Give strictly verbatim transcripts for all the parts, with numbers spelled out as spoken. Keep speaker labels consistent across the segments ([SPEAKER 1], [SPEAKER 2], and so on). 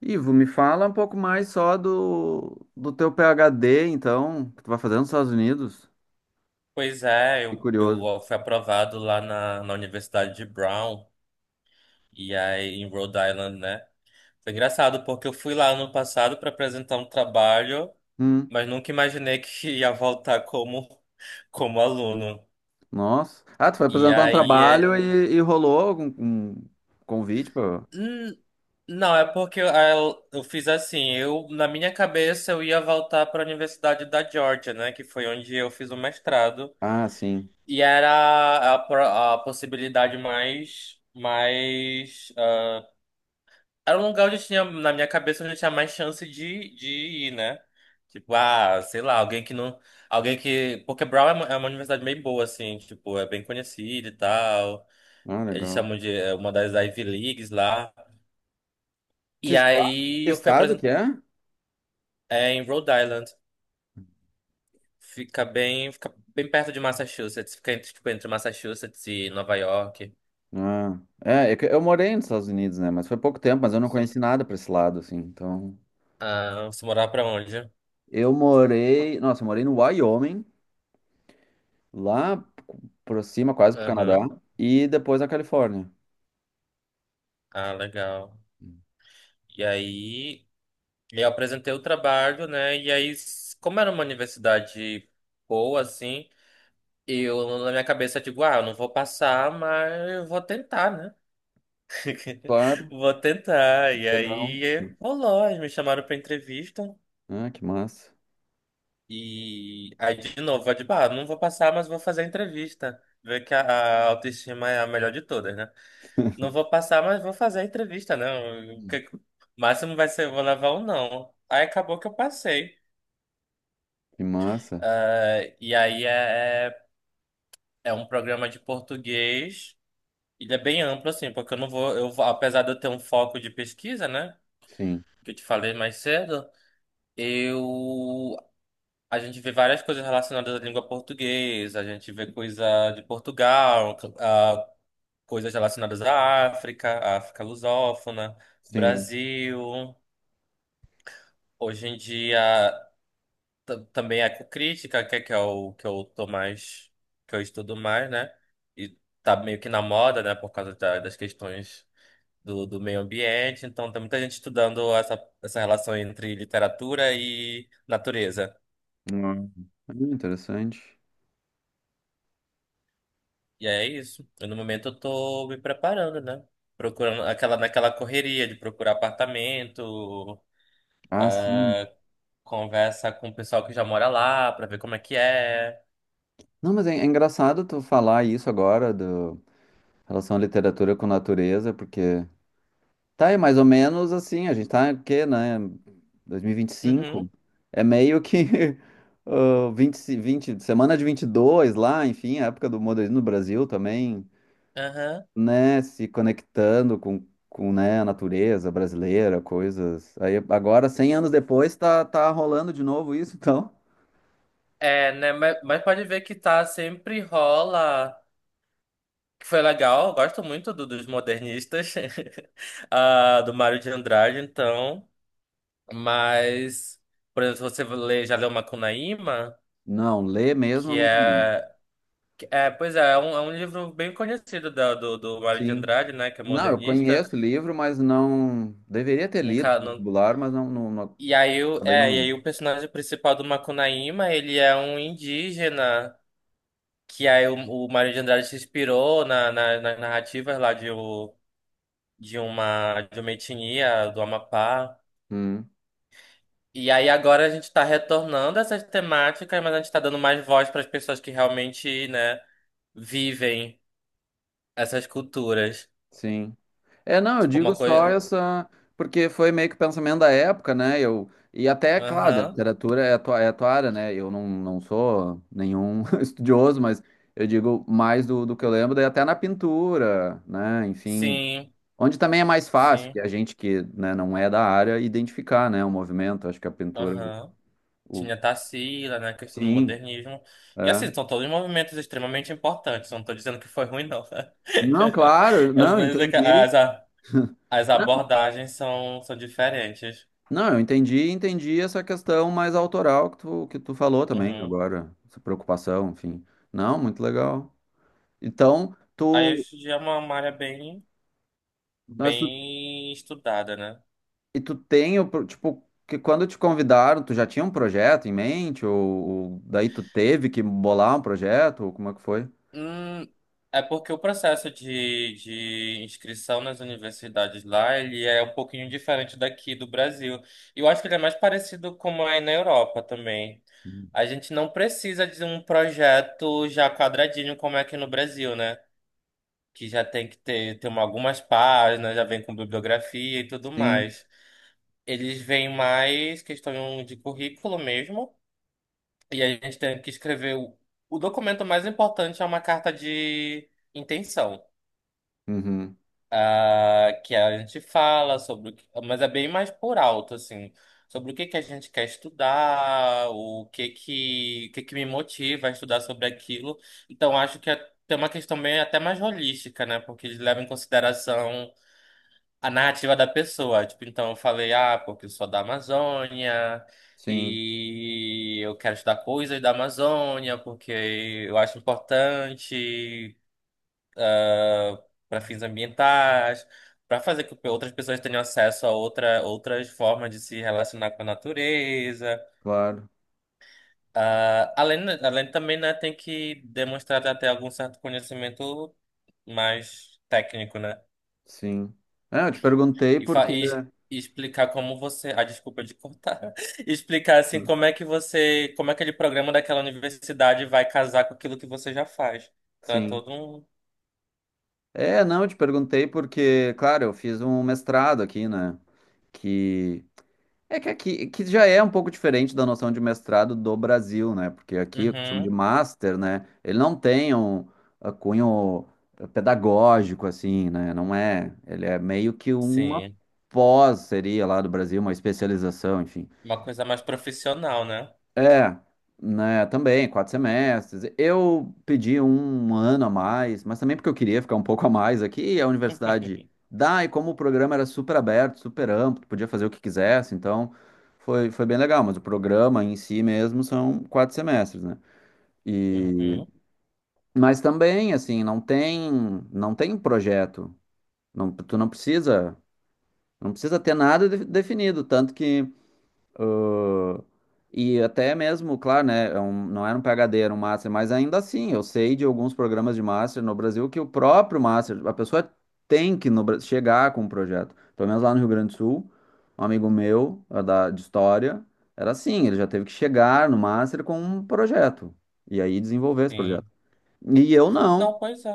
[SPEAKER 1] Ivo, me fala um pouco mais só do, do teu PhD, então, que tu vai fazer nos Estados Unidos.
[SPEAKER 2] Pois é,
[SPEAKER 1] Fiquei
[SPEAKER 2] eu,
[SPEAKER 1] curioso.
[SPEAKER 2] eu fui aprovado lá na, na Universidade de Brown, e aí em Rhode Island, né? Foi engraçado, porque eu fui lá ano passado para apresentar um trabalho,
[SPEAKER 1] Hum.
[SPEAKER 2] mas nunca imaginei que ia voltar como, como aluno.
[SPEAKER 1] Nossa. Ah, tu foi
[SPEAKER 2] E
[SPEAKER 1] apresentar um
[SPEAKER 2] aí é.
[SPEAKER 1] trabalho e, e rolou algum um convite pra.
[SPEAKER 2] hum, Não, é porque eu, eu eu fiz assim, eu na minha cabeça eu ia voltar para a Universidade da Georgia, né? Que foi onde eu fiz o mestrado.
[SPEAKER 1] Ah, sim.
[SPEAKER 2] E era a, pro- a possibilidade mais, mais Era um lugar onde eu tinha, na minha cabeça, onde eu tinha mais chance de, de ir, né? Tipo, ah, sei lá, alguém que não. Alguém que. Porque Brown é uma, é uma universidade meio boa, assim, tipo, é bem conhecida e tal.
[SPEAKER 1] Ah,
[SPEAKER 2] Eles
[SPEAKER 1] legal.
[SPEAKER 2] chamam de é uma das Ivy Leagues lá.
[SPEAKER 1] Que
[SPEAKER 2] E
[SPEAKER 1] estado,
[SPEAKER 2] aí
[SPEAKER 1] que
[SPEAKER 2] eu fui
[SPEAKER 1] estado
[SPEAKER 2] apresentar
[SPEAKER 1] que é?
[SPEAKER 2] em Rhode Island. Fica bem, fica bem perto de Massachusetts. Fica entre, tipo, entre Massachusetts e Nova York.
[SPEAKER 1] Ah, é, é que eu morei nos Estados Unidos, né? Mas foi pouco tempo, mas eu não
[SPEAKER 2] Você-
[SPEAKER 1] conheci nada pra esse lado, assim. Então,
[SPEAKER 2] Ah, você morava pra onde?
[SPEAKER 1] eu morei... nossa, eu morei no Wyoming, lá por cima, quase pro Canadá,
[SPEAKER 2] Aham.
[SPEAKER 1] e depois na Califórnia.
[SPEAKER 2] Ah, legal. E aí. E eu apresentei o trabalho, né? E aí, s- como era uma universidade boa, assim, eu na minha cabeça digo, ah, eu não vou passar, mas eu vou tentar, né?
[SPEAKER 1] Claro.
[SPEAKER 2] Vou tentar. E
[SPEAKER 1] Eu não.
[SPEAKER 2] aí eh, rolou, eles me chamaram pra entrevista.
[SPEAKER 1] Ah, que massa.
[SPEAKER 2] E aí, de novo, eu digo, ah, não vou passar, mas vou fazer a entrevista. Ver que a a autoestima é a melhor de todas, né? Não vou passar, mas vou fazer a entrevista, né? O
[SPEAKER 1] Hum.
[SPEAKER 2] que- o máximo vai ser, eu vou levar um não. Aí acabou que eu passei.
[SPEAKER 1] Que massa.
[SPEAKER 2] Ah, e aí é, é é um programa de português. Ele é bem amplo, assim, porque eu não vou, eu, vou- apesar de eu ter um foco de pesquisa, né?
[SPEAKER 1] Sim,
[SPEAKER 2] Que eu te falei mais cedo, eu, a gente vê várias coisas relacionadas à língua portuguesa, a gente vê coisa de Portugal, ah, coisas relacionadas à África, à África lusófona,
[SPEAKER 1] sim.
[SPEAKER 2] Brasil. Hoje em dia tam- também ecocrítica que é, que é o que eu tô mais, que eu estudo mais, né? E tá meio que na moda, né? Por causa da- das questões do, do meio ambiente. Então tem muita gente estudando essa, essa relação entre literatura e natureza.
[SPEAKER 1] Hum. É interessante.
[SPEAKER 2] E é isso. Eu, no momento eu tô me preparando, né? Procurando aquela, naquela correria de procurar apartamento,
[SPEAKER 1] Ah, sim.
[SPEAKER 2] conversa com o pessoal que já mora lá pra ver como é que é.
[SPEAKER 1] Não, mas é, é engraçado tu falar isso agora, do em relação à literatura com natureza, porque tá aí mais ou menos assim, a gente tá o quê, né? dois mil e vinte e
[SPEAKER 2] Uhum.
[SPEAKER 1] cinco É meio que ah, vinte 20, vinte, semana de vinte e dois lá, enfim, a época do modernismo no Brasil também.
[SPEAKER 2] Aham.
[SPEAKER 1] Né, se conectando com, com, né, a natureza brasileira, coisas. Aí agora, cem anos depois, tá, tá rolando de novo isso, então.
[SPEAKER 2] É, né? Mas, mas pode ver que tá, sempre rola. Que foi legal, eu gosto muito do- dos modernistas, ah, do Mário de Andrade, então. Mas, por exemplo, você lê, já leu Macunaíma,
[SPEAKER 1] Não, ler mesmo eu
[SPEAKER 2] que
[SPEAKER 1] nunca li.
[SPEAKER 2] é. Que É, pois é, é um, é um livro bem conhecido da- do, do Mário de
[SPEAKER 1] Sim.
[SPEAKER 2] Andrade, né? Que é
[SPEAKER 1] Não, eu
[SPEAKER 2] modernista.
[SPEAKER 1] conheço o livro, mas não. Deveria ter lido
[SPEAKER 2] Nunca,
[SPEAKER 1] no
[SPEAKER 2] não,
[SPEAKER 1] vestibular, mas não, não, não-
[SPEAKER 2] e aí, o-
[SPEAKER 1] acabei não
[SPEAKER 2] é, e
[SPEAKER 1] lendo.
[SPEAKER 2] aí o personagem principal do Macunaíma, ele é um indígena. Que aí o, o Mário de Andrade se inspirou na, na- nas narrativas lá de, o- de uma de uma etnia do Amapá.
[SPEAKER 1] Hum.
[SPEAKER 2] E aí agora a gente está retornando a essas temáticas, mas a gente está dando mais voz para as pessoas que realmente, né, vivem essas culturas.
[SPEAKER 1] Sim. É, não, eu
[SPEAKER 2] Tipo
[SPEAKER 1] digo
[SPEAKER 2] uma
[SPEAKER 1] só
[SPEAKER 2] coisa.
[SPEAKER 1] essa, porque foi meio que o pensamento da época, né? Eu, e até, claro, da
[SPEAKER 2] Aham.
[SPEAKER 1] literatura é a tua, é a tua área, né? Eu não, não sou nenhum estudioso, mas eu digo mais do, do que eu lembro, daí até na pintura, né? Enfim,
[SPEAKER 2] Sim,
[SPEAKER 1] onde também é mais fácil,
[SPEAKER 2] sim.
[SPEAKER 1] que a gente que, né, não é da área, identificar, né, o movimento. Acho que a pintura,
[SPEAKER 2] Aham.
[SPEAKER 1] o, o-
[SPEAKER 2] Tinha Tarsila, né? Questão do
[SPEAKER 1] sim,
[SPEAKER 2] modernismo. E
[SPEAKER 1] é.
[SPEAKER 2] assim, são todos movimentos extremamente importantes. Não tô dizendo que foi ruim, não.
[SPEAKER 1] Não, claro, não, entendi.
[SPEAKER 2] As, as, As abordagens são, são diferentes.
[SPEAKER 1] Não, eu entendi, entendi essa questão mais autoral que tu, que tu falou também
[SPEAKER 2] Uhum.
[SPEAKER 1] agora, essa preocupação, enfim. Não, muito legal. Então,
[SPEAKER 2] Aí
[SPEAKER 1] tu,
[SPEAKER 2] hoje em dia é uma uma área bem,
[SPEAKER 1] mas tu,
[SPEAKER 2] bem estudada, né?
[SPEAKER 1] e tu tem, o pro- tipo, que quando te convidaram, tu já tinha um projeto em mente, ou, ou daí tu teve que bolar um projeto, ou como é que foi?
[SPEAKER 2] Hum, é porque o processo de, de inscrição nas universidades lá, ele é um pouquinho diferente daqui do Brasil. E eu acho que ele é mais parecido como é na Europa também.
[SPEAKER 1] Uhum.
[SPEAKER 2] A gente não precisa de um projeto já quadradinho como é aqui no Brasil, né? Que já tem que ter, ter uma- algumas páginas, já vem com bibliografia e tudo
[SPEAKER 1] Sim,
[SPEAKER 2] mais. Eles veem mais questão de currículo mesmo. E a gente tem que escrever o, o documento mais importante é uma carta de intenção.
[SPEAKER 1] uhum,
[SPEAKER 2] Ah, que a gente fala sobre o que, mas é bem mais por alto, assim, sobre o que que a gente quer estudar, o que que, o que que me motiva a estudar sobre aquilo. Então, acho que é, tem uma questão bem até mais holística, né? Porque eles levam em consideração a narrativa da pessoa. Tipo, então eu falei, ah, porque eu sou da Amazônia
[SPEAKER 1] sim,
[SPEAKER 2] e eu quero estudar coisas da Amazônia porque eu acho importante para fins ambientais, para fazer com que outras pessoas tenham acesso a outra, outras formas de se relacionar com a natureza.
[SPEAKER 1] claro,
[SPEAKER 2] Ah, além, além também, né, tem que demonstrar até algum certo conhecimento mais técnico, né?
[SPEAKER 1] sim. É, eu te perguntei
[SPEAKER 2] E, fa-
[SPEAKER 1] porque.
[SPEAKER 2] e- e explicar como você. Ah, desculpa de cortar. Explicar assim como é que você. Como aquele programa daquela universidade vai casar com aquilo que você já faz. Então é
[SPEAKER 1] Sim.
[SPEAKER 2] todo um.
[SPEAKER 1] É, não, eu te perguntei porque, claro, eu fiz um mestrado aqui, né? Que É que aqui que já é um pouco diferente da noção de mestrado do Brasil, né? Porque aqui o que se chama de
[SPEAKER 2] Uhum,
[SPEAKER 1] master, né? Ele não tem um uh, cunho uh, pedagógico, assim, né? Não é. Ele é meio que uma
[SPEAKER 2] sim.
[SPEAKER 1] pós, seria lá do Brasil, uma especialização, enfim.
[SPEAKER 2] Uma coisa mais profissional, né?
[SPEAKER 1] É, né, também, quatro semestres. Eu pedi um um ano a mais, mas também porque eu queria ficar um pouco a mais aqui, e a universidade dá, e como o programa era super aberto, super amplo, podia fazer o que quisesse, então foi, foi bem legal, mas o programa em si mesmo são quatro semestres, né? E,
[SPEAKER 2] Uhum,
[SPEAKER 1] mas também, assim, não tem, não tem projeto, não, tu não precisa, não precisa ter nada de- definido, tanto que. E até mesmo, claro, né? É um- não era um PhD, era um Master, mas ainda assim, eu sei de alguns programas de Master no Brasil que o próprio Master, a pessoa tem que no Bra- chegar com um projeto. Pelo menos lá no Rio Grande do Sul, um amigo meu, eh, da, de História, era assim, ele já teve que chegar no Master com um projeto, e aí desenvolver esse projeto.
[SPEAKER 2] sim.
[SPEAKER 1] E eu não.
[SPEAKER 2] Não, pois é.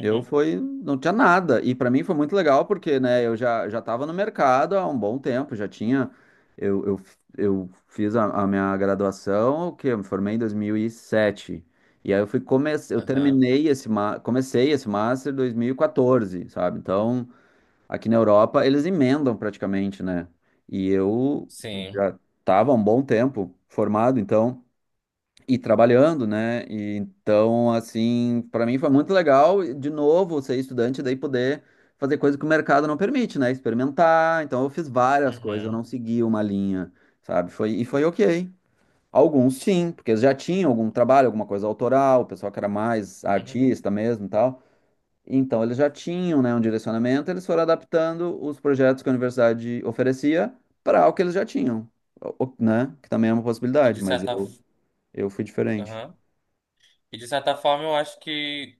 [SPEAKER 1] Eu foi, não tinha nada. E para mim foi muito legal porque, né, eu já já estava no mercado há um bom tempo, já tinha eu, eu, eu fiz a, a minha graduação, que eu me formei em dois mil e sete. E aí eu fui comecei, eu
[SPEAKER 2] aham,
[SPEAKER 1] terminei esse ma- comecei esse master em dois mil e quatorze, sabe? Então, aqui na Europa eles emendam praticamente, né? E eu
[SPEAKER 2] sim.
[SPEAKER 1] já estava há um bom tempo formado, então e trabalhando, né? E então, assim, para mim foi muito legal, e, de novo, ser estudante, daí poder fazer coisas que o mercado não permite, né? Experimentar. Então, eu fiz várias coisas, eu
[SPEAKER 2] Uhum,
[SPEAKER 1] não segui uma linha, sabe? Foi, e foi ok. Alguns sim, porque eles já tinham algum trabalho, alguma coisa autoral, o pessoal que era mais
[SPEAKER 2] uhum.
[SPEAKER 1] artista mesmo e tal. Então, eles já tinham, né, um direcionamento, eles foram adaptando os projetos que a universidade oferecia para o que eles já tinham, o- o- né? Que também é uma
[SPEAKER 2] E
[SPEAKER 1] possibilidade,
[SPEAKER 2] de
[SPEAKER 1] mas
[SPEAKER 2] certa.
[SPEAKER 1] eu,
[SPEAKER 2] f-
[SPEAKER 1] eu fui diferente.
[SPEAKER 2] Aham. E de certa forma eu acho que.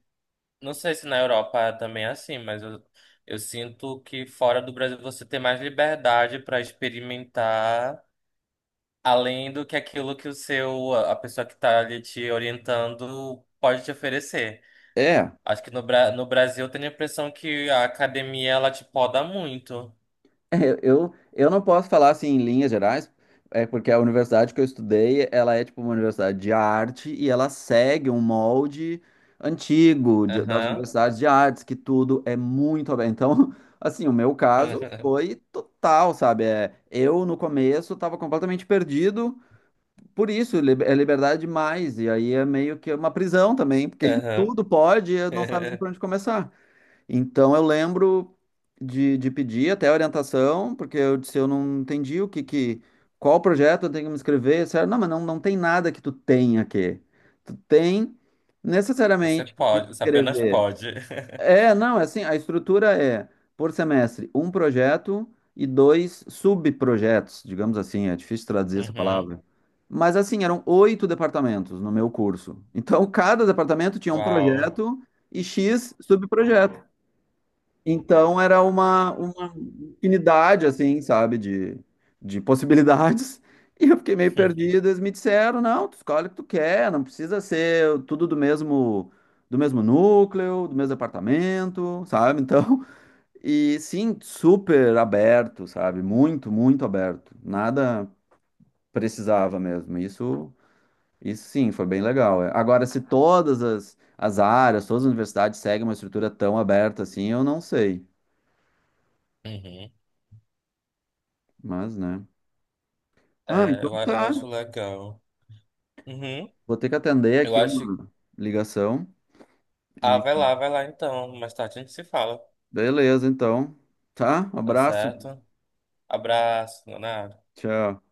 [SPEAKER 2] Não sei se na Europa também é assim, mas eu, eu sinto que fora do Brasil você tem mais liberdade para experimentar, além do que aquilo que o seu, a pessoa que está ali te orientando pode te oferecer.
[SPEAKER 1] É,
[SPEAKER 2] Acho que no, Bra- no Brasil eu tenho a impressão que a academia ela te poda muito.
[SPEAKER 1] eu, eu não posso falar assim em linhas gerais, é porque a universidade que eu estudei, ela é tipo uma universidade de arte e ela segue um molde antigo de- das
[SPEAKER 2] Aham.
[SPEAKER 1] universidades de artes, que tudo é muito aberto. Então, assim, o meu caso foi total, sabe? É, eu no começo estava completamente perdido, por isso lib- é liberdade demais, e aí é meio que uma prisão também, porque
[SPEAKER 2] Aham.
[SPEAKER 1] tudo pode e eu não sabe nem por onde começar. Então eu lembro de, de pedir até orientação, porque eu disse, eu não entendi o que, que qual projeto eu tenho que me inscrever. Disseram, não, mas não, não tem nada que tu tenha aqui. Tu tem
[SPEAKER 2] Você
[SPEAKER 1] necessariamente que te
[SPEAKER 2] pode, você apenas
[SPEAKER 1] inscrever.
[SPEAKER 2] pode.
[SPEAKER 1] É, não, é assim, a estrutura é por semestre, um projeto e dois subprojetos, digamos assim, é difícil traduzir essa
[SPEAKER 2] Uhum.
[SPEAKER 1] palavra. Mas assim, eram oito departamentos no meu curso. Então, cada departamento tinha um
[SPEAKER 2] Uau.
[SPEAKER 1] projeto e X subprojetos. Então era uma, uma infinidade, assim, sabe, de, de possibilidades. E eu fiquei meio perdido. Eles me disseram, não, tu escolhe o que tu quer, não precisa ser tudo do mesmo, do mesmo núcleo, do mesmo apartamento, sabe? Então, e sim, super aberto, sabe? Muito, muito aberto. Nada precisava mesmo. Isso, isso sim, foi bem legal. É. Agora, se todas as, as áreas, todas as universidades seguem uma estrutura tão aberta assim, eu não sei.
[SPEAKER 2] Uhum.
[SPEAKER 1] Mas, né? Ah,
[SPEAKER 2] É,
[SPEAKER 1] então
[SPEAKER 2] eu, a- eu
[SPEAKER 1] tá.
[SPEAKER 2] acho legal. Uhum.
[SPEAKER 1] Vou ter que atender
[SPEAKER 2] Eu
[SPEAKER 1] aqui
[SPEAKER 2] acho.
[SPEAKER 1] uma ligação.
[SPEAKER 2] Ah,
[SPEAKER 1] E
[SPEAKER 2] vai lá, vai lá então. Mais tarde a gente se fala.
[SPEAKER 1] beleza, então. Tá? Um
[SPEAKER 2] Tá
[SPEAKER 1] abraço.
[SPEAKER 2] certo? Abraço, Leonardo.
[SPEAKER 1] Tchau.